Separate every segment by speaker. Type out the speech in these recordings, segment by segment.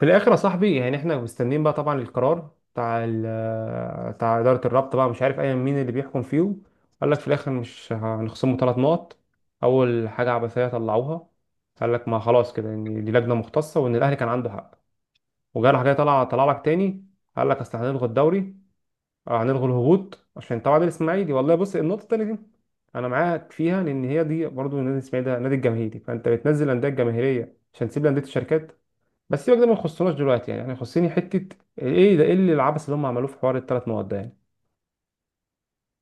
Speaker 1: في الاخر يا صاحبي، يعني احنا مستنيين بقى طبعا القرار بتاع بتاع اداره الرابطه بقى، مش عارف ايا مين اللي بيحكم فيهم. قال لك في الاخر مش هنخصمه 3 نقط. اول حاجه عبثيه طلعوها. قال لك ما خلاص كده، ان دي لجنه مختصه وان الاهلي كان عنده حق. وجرح جاي طلع لك تاني. قال لك اصل هنلغي الدوري، هنلغي الهبوط عشان طبعا نادي الاسماعيلي. والله بص، النقطه التانيه دي انا معاك فيها، لان هي دي برضو النادي الاسماعيلي، ده نادي الجماهيري، فانت بتنزل الانديه الجماهيريه عشان تسيب انديه الشركات. بس سيبك ده، ما يخصناش دلوقتي يعني، يخصني حته. ايه ده، ايه اللي العبث اللي هم عملوه في حوار ال3 مواد ده يعني؟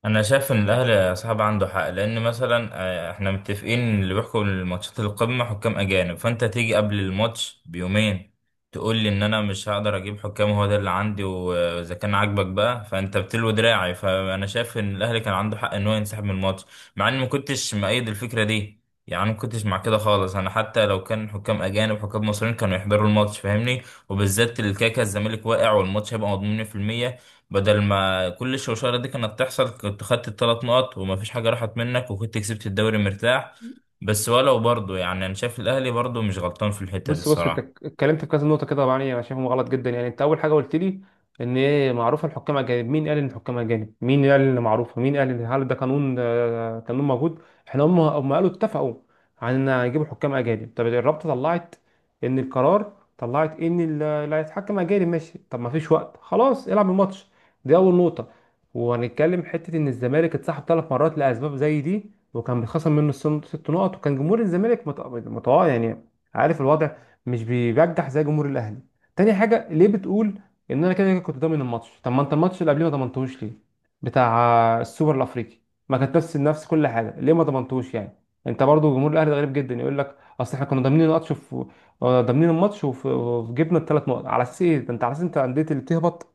Speaker 2: انا شايف ان الاهلي يا صاحب عنده حق لان مثلا احنا متفقين ان اللي بيحكم الماتشات القمه حكام اجانب، فانت تيجي قبل الماتش بيومين تقول لي ان انا مش هقدر اجيب حكام، هو ده اللي عندي واذا كان عاجبك بقى فانت بتلوي دراعي. فانا شايف ان الاهلي كان عنده حق ان هو ينسحب من الماتش، مع اني ما كنتش مؤيد الفكره دي، يعني ما كنتش مع كده خالص. انا حتى لو كان حكام اجانب حكام مصريين كانوا يحضروا الماتش فاهمني، وبالذات الكاكا الزمالك واقع والماتش هيبقى مضمون 100%. بدل ما كل الشوشرة دي كانت تحصل كنت خدت الثلاث نقط ومفيش حاجة راحت منك وكنت كسبت الدوري مرتاح. بس ولو برضه يعني أنا شايف الأهلي برضه مش غلطان في الحتة دي
Speaker 1: بص بص، انت
Speaker 2: الصراحة.
Speaker 1: اتكلمت في كذا نقطه كده، طبعا يعني انا شايفهم غلط جدا. يعني انت اول حاجه قلت لي ان ايه، معروفه الحكام اجانب. مين قال ان الحكام اجانب؟ مين قال ان معروفه؟ مين قال ان هل ده قانون؟ قانون موجود؟ احنا هم قالوا اتفقوا عن ان هيجيبوا حكام اجانب. طب الرابطه طلعت ان القرار، طلعت ان اللي هيتحكم اجانب، ماشي. طب ما فيش وقت، خلاص العب الماتش. دي اول نقطه. وهنتكلم حته ان الزمالك اتسحب 3 مرات لاسباب زي دي، وكان بيتخصم منه 6 نقط، وكان جمهور الزمالك يعني عارف الوضع، مش بيرجح زي جمهور الاهلي. تاني حاجه، ليه بتقول ان انا كده كده كنت ضامن الماتش؟ طب ما انت الماتش اللي قبليه ما ضمنتهوش ليه؟ بتاع السوبر الافريقي، ما كانت نفس كل حاجه، ليه ما ضمنتهوش يعني؟ انت برضو جمهور الاهلي ده غريب جدا، يقول لك اصل احنا كنا ضامنين الماتش في، ضامنين الماتش وجبنا ال3 نقط. على اساس ايه ده؟ انت على اساس انت، انديه اللي بتهبط،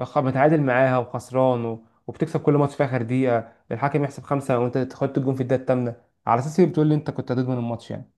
Speaker 1: متعادل معاها وخسران وبتكسب كل ماتش في اخر دقيقه الحكم يحسب خمسه وانت تحط الجون في الدقيقه الثامنه. على اساس ايه بتقول لي انت كنت هتضمن الماتش يعني؟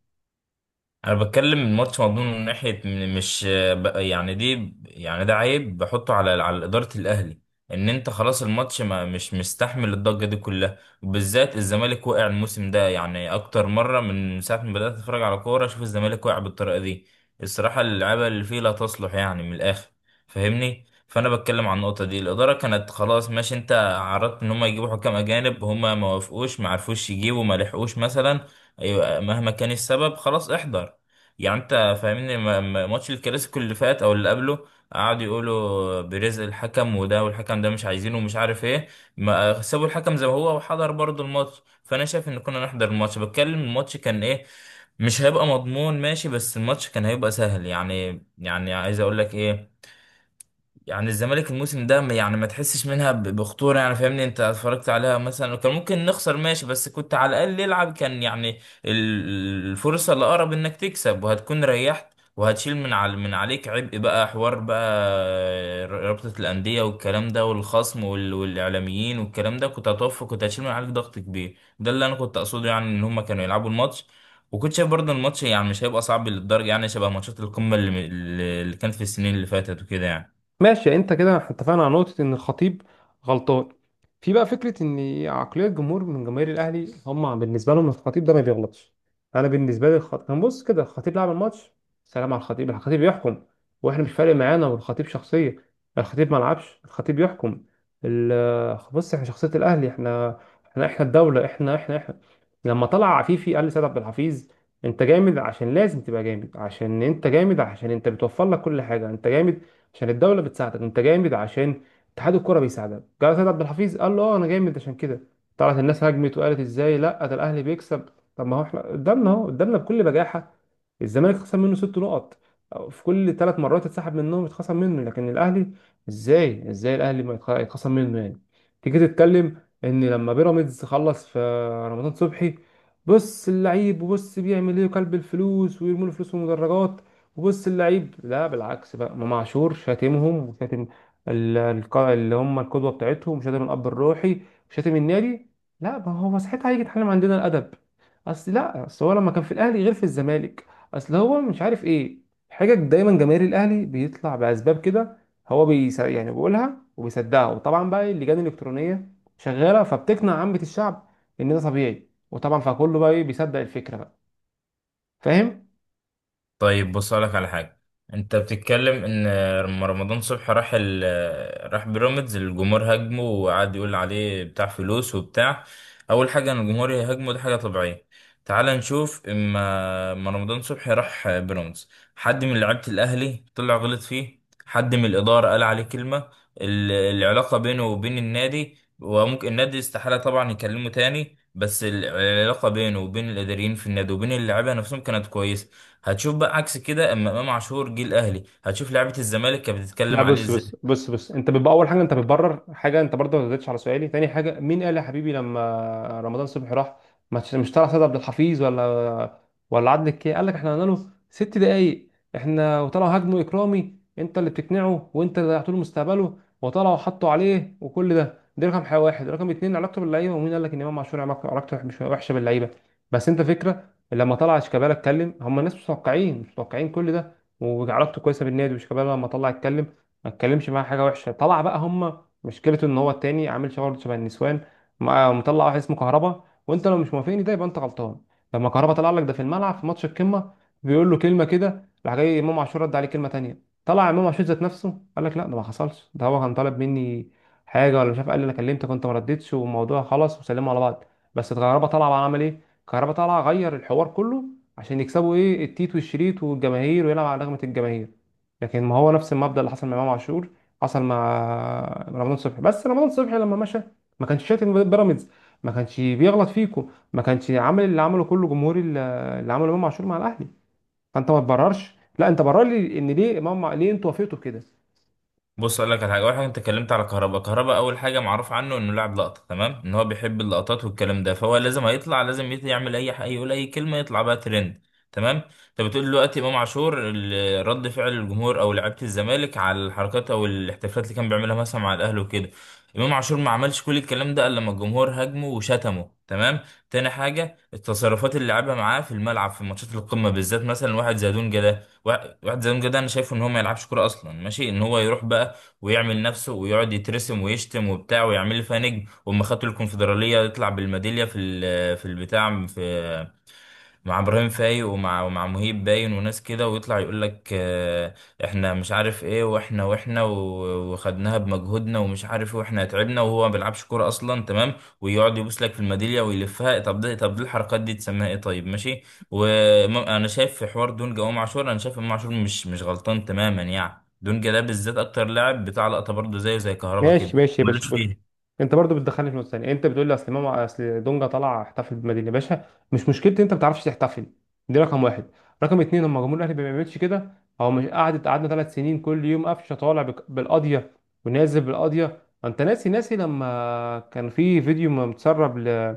Speaker 2: انا بتكلم الماتش مضمون من ناحيه م- مش ب- يعني دي يعني ده عيب بحطه على اداره الاهلي، ان انت خلاص الماتش ما مش مستحمل الضجه دي كلها، وبالذات الزمالك وقع الموسم ده يعني اكتر مره من ساعه ما بدات اتفرج على كوره اشوف الزمالك وقع بالطريقه دي. الصراحه اللعيبه اللي فيه لا تصلح يعني من الاخر فاهمني. فانا بتكلم عن النقطه دي، الاداره كانت خلاص ماشي انت عرضت ان هم يجيبوا حكام اجانب، هم ما وافقوش ما عرفوش يجيبوا ما لحقوش مثلا، أيوة، مهما كان السبب خلاص احضر يعني انت فاهمني. ماتش الكلاسيكو اللي فات او اللي قبله قعدوا يقولوا بيريز الحكم وده والحكم ده مش عايزينه ومش عارف ايه، ما سابوا الحكم زي ما هو وحضر برضه الماتش. فانا شايف ان كنا نحضر الماتش، بتكلم الماتش كان ايه، مش هيبقى مضمون ماشي بس الماتش كان هيبقى سهل يعني، يعني عايز اقول لك ايه، يعني الزمالك الموسم ده يعني ما تحسش منها بخطورة يعني فاهمني. انت اتفرجت عليها مثلا وكان ممكن نخسر ماشي، بس كنت على الأقل يلعب كان يعني الفرصة اللي أقرب انك تكسب وهتكون ريحت وهتشيل من على عليك عبء بقى، حوار بقى رابطة الأندية والكلام ده والخصم والإعلاميين والكلام ده، كنت هتوفى كنت هتشيل من عليك ضغط كبير. ده اللي أنا كنت أقصده يعني، إن هما كانوا يلعبوا الماتش وكنت شايف برضه الماتش يعني مش هيبقى صعب للدرجة، يعني شبه ماتشات القمة اللي كانت في السنين اللي فاتت وكده يعني.
Speaker 1: ماشي يعني، انت كده احنا اتفقنا على نقطة ان الخطيب غلطان. في بقى فكرة ان عقلية الجمهور من جماهير الاهلي، هم بالنسبة لهم الخطيب ده ما بيغلطش. انا بالنسبة لي الخطيب كان، بص كده، الخطيب لعب الماتش، سلام على الخطيب. الخطيب يحكم واحنا مش فارق معانا. والخطيب شخصية، الخطيب ما لعبش، الخطيب يحكم. بص، احنا شخصية الاهلي، احنا احنا الدولة، احنا. لما طلع عفيفي قال لسيد عبد الحفيظ انت جامد عشان لازم تبقى جامد، عشان انت جامد، عشان انت بتوفر لك كل حاجة. انت جامد عشان الدوله بتساعدك، انت جامد عشان اتحاد الكوره بيساعدك. جاله سيد عبد الحفيظ قال له اه انا جامد عشان كده. طلعت الناس هجمت وقالت ازاي؟ لا ده الاهلي بيكسب. طب ما هو احنا قدامنا اهو، قدامنا بكل بجاحه الزمالك خسر منه 6 نقط، أو في كل 3 مرات اتسحب منهم، اتخصم منه. لكن الاهلي ازاي، ازاي الاهلي ما يتخ- يتخصم منه يعني؟ تيجي تتكلم ان لما بيراميدز خلص في رمضان صبحي، بص اللعيب وبص بيعمل ايه، وكلب الفلوس ويرموا له فلوس في المدرجات، وبص اللعيب. لا بالعكس بقى، امام عاشور شاتمهم، وشاتم اللي هم القدوه بتاعتهم، وشاتم الاب الروحي، وشاتم النادي. لا ما هو ساعتها هيجي يتعلم عندنا الادب. اصل لا، اصل هو لما كان في الاهلي غير في الزمالك. اصل هو مش عارف ايه. حاجه دايما جماهير الاهلي بيطلع باسباب كده. هو بيس يعني بيقولها وبيصدقها، وطبعا بقى اللجان الالكترونيه شغاله، فبتقنع عامه الشعب ان ده طبيعي، وطبعا فكله بقى ايه، بيصدق الفكره بقى. فاهم؟
Speaker 2: طيب بص لك على حاجة، انت بتتكلم ان لما رمضان صبحي راح راح بيراميدز الجمهور هاجمه وقعد يقول عليه بتاع فلوس وبتاع. اول حاجة ان الجمهور يهاجمه دي حاجة طبيعية. تعال نشوف، اما رمضان صبحي راح بيراميدز حد من لعيبة الاهلي طلع غلط فيه؟ حد من الادارة قال عليه كلمة؟ العلاقة بينه وبين النادي، وممكن النادي استحالة طبعا يكلمه تاني، بس العلاقة بينه وبين الإداريين في النادي وبين اللعيبة نفسهم كانت كويسة. هتشوف بقى عكس كده اما امام عاشور جه الاهلي هتشوف لعيبه الزمالك كانت
Speaker 1: لا
Speaker 2: بتتكلم
Speaker 1: فاهم.
Speaker 2: عليه
Speaker 1: بص انت، بص
Speaker 2: ازاي.
Speaker 1: بص بص انت بيبقى، اول حاجه انت بتبرر حاجه، انت برضه ما ردتش على سؤالي. تاني حاجه، مين قال يا حبيبي لما رمضان صبحي راح؟ ما تش- مش طلع سيد عبد الحفيظ، ولا عادل الكي قال لك احنا قلنا له 6 دقايق؟ احنا وطلعوا هاجموا اكرامي، انت اللي بتقنعه، وانت اللي ضيعت له مستقبله، وطلعوا حطوا عليه وكل ده. دي رقم حاجه واحد. رقم اتنين، علاقته باللعيبه، ومين قال لك ان امام عاشور علاقته مش وحشه باللعيبه؟ بس انت فكره، لما طلع شيكابالا اتكلم، هم الناس مش متوقعين مش متوقعين كل ده، وعلاقته كويسه بالنادي. وشيكابالا لما طلع اتكلم، ما اتكلمش معاه حاجه وحشه، طلع بقى هم، مشكلته ان هو التاني عامل شغل شبه النسوان. مطلع واحد اسمه كهربا. وانت لو مش موافقني ده يبقى انت غلطان. لما كهربا طلع لك ده في الملعب في ماتش القمه، بيقول له كلمه كده، راح جاي امام عاشور رد عليه كلمه تانيه، طلع امام عاشور ذات نفسه قال لك لا ده ما حصلش، ده هو كان طالب مني حاجه، ولا مش عارف، قال لي انا كلمتك وانت ما ردتش، والموضوع خلص وسلموا على بعض. بس كهربا طلع بقى عمل ايه؟ كهربا طلع غير الحوار كله عشان يكسبوا ايه، التيت والشريط والجماهير، ويلعب على رغبه الجماهير. لكن ما هو نفس المبدأ اللي حصل مع امام عاشور حصل مع رمضان صبحي. بس رمضان صبحي لما مشى ما كانش شاتم بيراميدز، ما كانش بيغلط فيكم، ما كانش عامل اللي عمله كله جمهوري، اللي عمله امام عاشور مع الاهلي. فانت ما تبررش. لا انت برر لي ان ليه امام، ليه انتوا وافقتوا كده.
Speaker 2: بص اقول لك على حاجه، اول حاجه انت اتكلمت على كهربا، كهربا اول حاجه معروف عنه انه لاعب لقطه تمام، ان هو بيحب اللقطات والكلام ده، فهو لازم هيطلع لازم يعمل اي حاجه يقول اي كلمه يطلع بقى ترند تمام. انت بتقول دلوقتي امام عاشور رد فعل الجمهور او لعيبه الزمالك على الحركات او الاحتفالات اللي كان بيعملها مثلا مع الاهلي وكده، امام عاشور ما عملش كل الكلام ده الا لما الجمهور هاجمه وشتمه تمام. تاني حاجه التصرفات اللي لعبها معاه في الملعب في ماتشات القمه بالذات، مثلا واحد زي دونجا ده، واحد زي دونجا ده انا شايفه ان هو ما يلعبش كوره اصلا ماشي، ان هو يروح بقى ويعمل نفسه ويقعد يترسم ويشتم وبتاع ويعمل لي فيها نجم، واما خدتوا الكونفدراليه يطلع بالميداليه في في البتاع في مع ابراهيم فايق ومع مهيب باين وناس كده، ويطلع يقول لك احنا مش عارف ايه، وخدناها بمجهودنا ومش عارف ايه، واحنا تعبنا وهو ما بيلعبش كوره اصلا تمام. ويقعد يبوس لك في الميداليه ويلفها، طب ده طب دي الحركات دي تسميها ايه؟ طيب ماشي. وانا شايف في حوار دونجا وامام عاشور انا شايف امام عاشور مش غلطان تماما يعني، دونجا ده بالذات اكتر لاعب بتاع لقطه برضه زيه زي كهربا كده،
Speaker 1: ماشي ماشي يا باشا،
Speaker 2: ملوش
Speaker 1: بص.
Speaker 2: فيها.
Speaker 1: انت برضو بتدخلني في نقطه ثانيه، انت بتقول لي اصل امام، اصل دونجا طلع احتفل بالمدينه. يا باشا، مش مشكلتي انت ما بتعرفش تحتفل. دي رقم واحد. رقم اتنين، لما جمهور الاهلي ما بيعملش كده. هو مش قعدت، قعدنا 3 سنين كل يوم قفشه طالع بالقضيه، ونازل بالقضيه. انت ناسي، ناسي لما كان في فيديو متسرب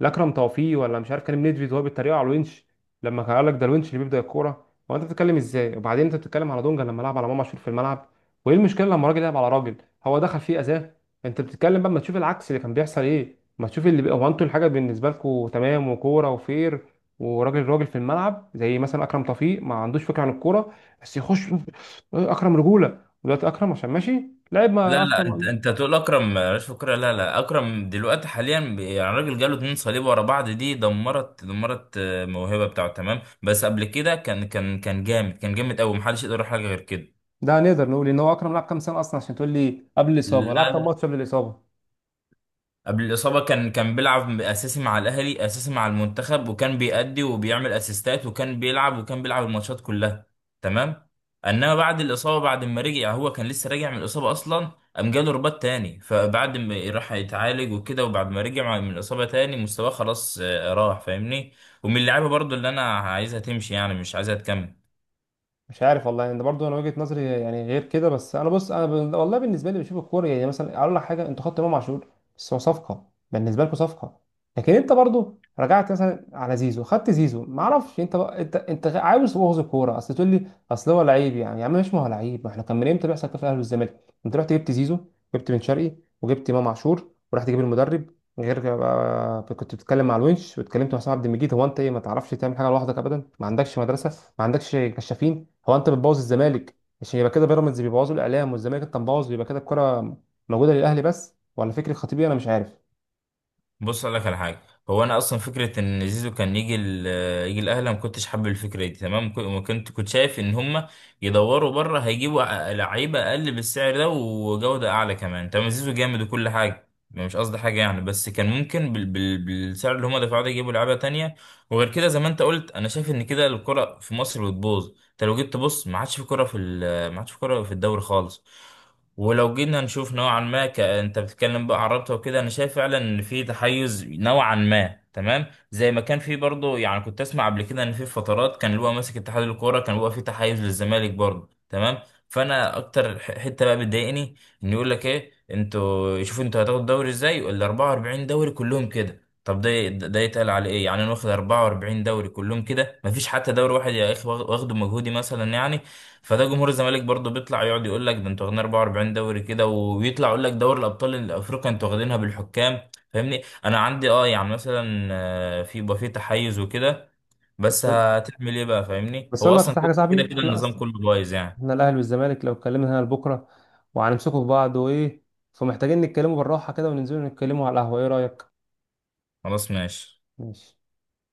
Speaker 1: لاكرم توفيق، ولا مش عارف كان نيدفيد، وهو بيتريقوا على الونش، لما كان قال لك ده الونش اللي بيبدا الكوره. هو انت بتتكلم ازاي؟ وبعدين انت بتتكلم على دونجا لما لعب على امام عاشور في الملعب، وايه المشكله لما راجل يلعب على راجل؟ هو دخل فيه اذاه؟ انت بتتكلم بقى، ما تشوف العكس اللي كان بيحصل ايه، ما تشوف اللي هو، انتوا الحاجه بالنسبه لكم تمام، وكوره وفير، وراجل راجل في الملعب. زي مثلا اكرم توفيق ما عندوش فكره عن الكوره، بس يخش. اكرم رجوله، ودلوقتي اكرم عشان ماشي لعب
Speaker 2: لا
Speaker 1: ما
Speaker 2: لا، انت
Speaker 1: اصلا.
Speaker 2: انت تقول اكرم مش فكرة، لا لا، اكرم دلوقتي حاليا يعني راجل جاله اتنين صليب ورا بعض دي دمرت دمرت الموهبه بتاعته تمام، بس قبل كده كان كان جامد، جامد قوي محدش يقدر يقول حاجه غير كده.
Speaker 1: ده نقدر نقول ان هو اكرم لعب كام سنه اصلا عشان تقول لي قبل
Speaker 2: لا
Speaker 1: الاصابه؟ لعب كام
Speaker 2: لا،
Speaker 1: ماتش قبل الاصابه؟
Speaker 2: قبل الإصابة كان بيلعب أساسي مع الأهلي، أساسي مع المنتخب، وكان بيأدي وبيعمل أسيستات وكان بيلعب وكان بيلعب الماتشات كلها تمام. إنما بعد الإصابة بعد ما رجع هو كان لسه راجع من الإصابة أصلا قام جاله رباط تاني، فبعد ما راح يتعالج وكده وبعد ما رجع من الإصابة تاني مستواه خلاص راح فاهمني. ومن اللعيبة برضو اللي أنا عايزها تمشي يعني مش عايزها تكمل.
Speaker 1: مش عارف والله يعني، ده برضه انا وجهة نظري يعني، غير كده. بس انا بص، انا والله بالنسبه لي بشوف الكوره يعني. مثلا اقول لك حاجه، انتوا خدتوا امام عاشور، بس هو صفقه، بالنسبه لكم صفقه، لكن انت برضه رجعت مثلا على زيزو، خدت زيزو ما اعرفش. انت بقى انت، انت عاوز تبوظ الكوره؟ اصل تقول لي اصل هو لعيب يعني، يا عم مش، ما هو لعيب، ما احنا كان من امتى بيحصل كده في الاهلي والزمالك؟ انت رحت جبت زيزو، جبت بن شرقي، وجبت امام عاشور، ورحت تجيب المدرب. غير كده بقى، كنت بتتكلم مع الونش، واتكلمت مع حسام عبد المجيد. هو انت ايه، ما تعرفش تعمل حاجه لوحدك ابدا؟ ما عندكش مدرسه، ما عندكش كشافين؟ هو انت بتبوظ الزمالك عشان يبقى كده، بيراميدز بيبوظوا الاعلام، والزمالك انت مبوظ، يبقى كده الكره موجوده للاهلي بس، ولا فكري خطيبي، انا مش عارف.
Speaker 2: بص اقول لك على حاجه، هو انا اصلا فكره ان زيزو كان يجي يجي الاهلي ما كنتش حابب الفكره دي تمام، كو- ما كنت كنت شايف ان هم يدوروا بره هيجيبوا لعيبه اقل بالسعر ده وجوده اعلى كمان تمام. زيزو جامد وكل حاجه مش قصدي حاجه يعني، بس كان ممكن بالسعر اللي هم دفعوه ده يجيبوا لعيبه تانية. وغير كده زي ما انت قلت انا شايف ان كده الكره في مصر بتبوظ، انت لو جيت تبص ما عادش في كره في ال- ما عادش في كره في الدوري خالص. ولو جينا نشوف نوعا ما انت بتتكلم بقى عن رابطه وكده، انا شايف فعلا ان في تحيز نوعا ما تمام، زي ما كان في برضه يعني كنت اسمع قبل كده ان في فترات كان اللي هو ماسك اتحاد الكوره كان بيبقى في تحيز للزمالك برضه تمام. فانا اكتر حته بقى بتضايقني ان يقول لك ايه انتوا شوفوا انتوا هتاخدوا الدوري ازاي، ال 44 دوري كلهم كده، طب ده ده يتقال على ايه يعني، انا واخد 44 دوري كلهم كده، مفيش حتى دوري واحد يا اخي واخده مجهودي مثلا يعني. فده جمهور الزمالك برضه بيطلع يقعد يقول لك ده انتوا واخدين 44 دوري كده، ويطلع يقول لك دوري الابطال الافريقي انتوا واخدينها بالحكام فاهمني. انا عندي اه يعني مثلا في، يبقى في تحيز وكده، بس هتعمل ايه بقى فاهمني،
Speaker 1: بس
Speaker 2: هو
Speaker 1: اقول لك بس
Speaker 2: اصلا
Speaker 1: حاجه يا
Speaker 2: كده
Speaker 1: صاحبي،
Speaker 2: كده
Speaker 1: احنا
Speaker 2: النظام
Speaker 1: اصلا
Speaker 2: كله بايظ يعني.
Speaker 1: احنا الاهلي والزمالك لو اتكلمنا هنا لبكره، وهنمسكوا في بعض، وايه، فمحتاجين نتكلموا بالراحه كده، وننزلوا نتكلموا على القهوه. ايه رايك؟
Speaker 2: خلاص ماشي.
Speaker 1: ماشي.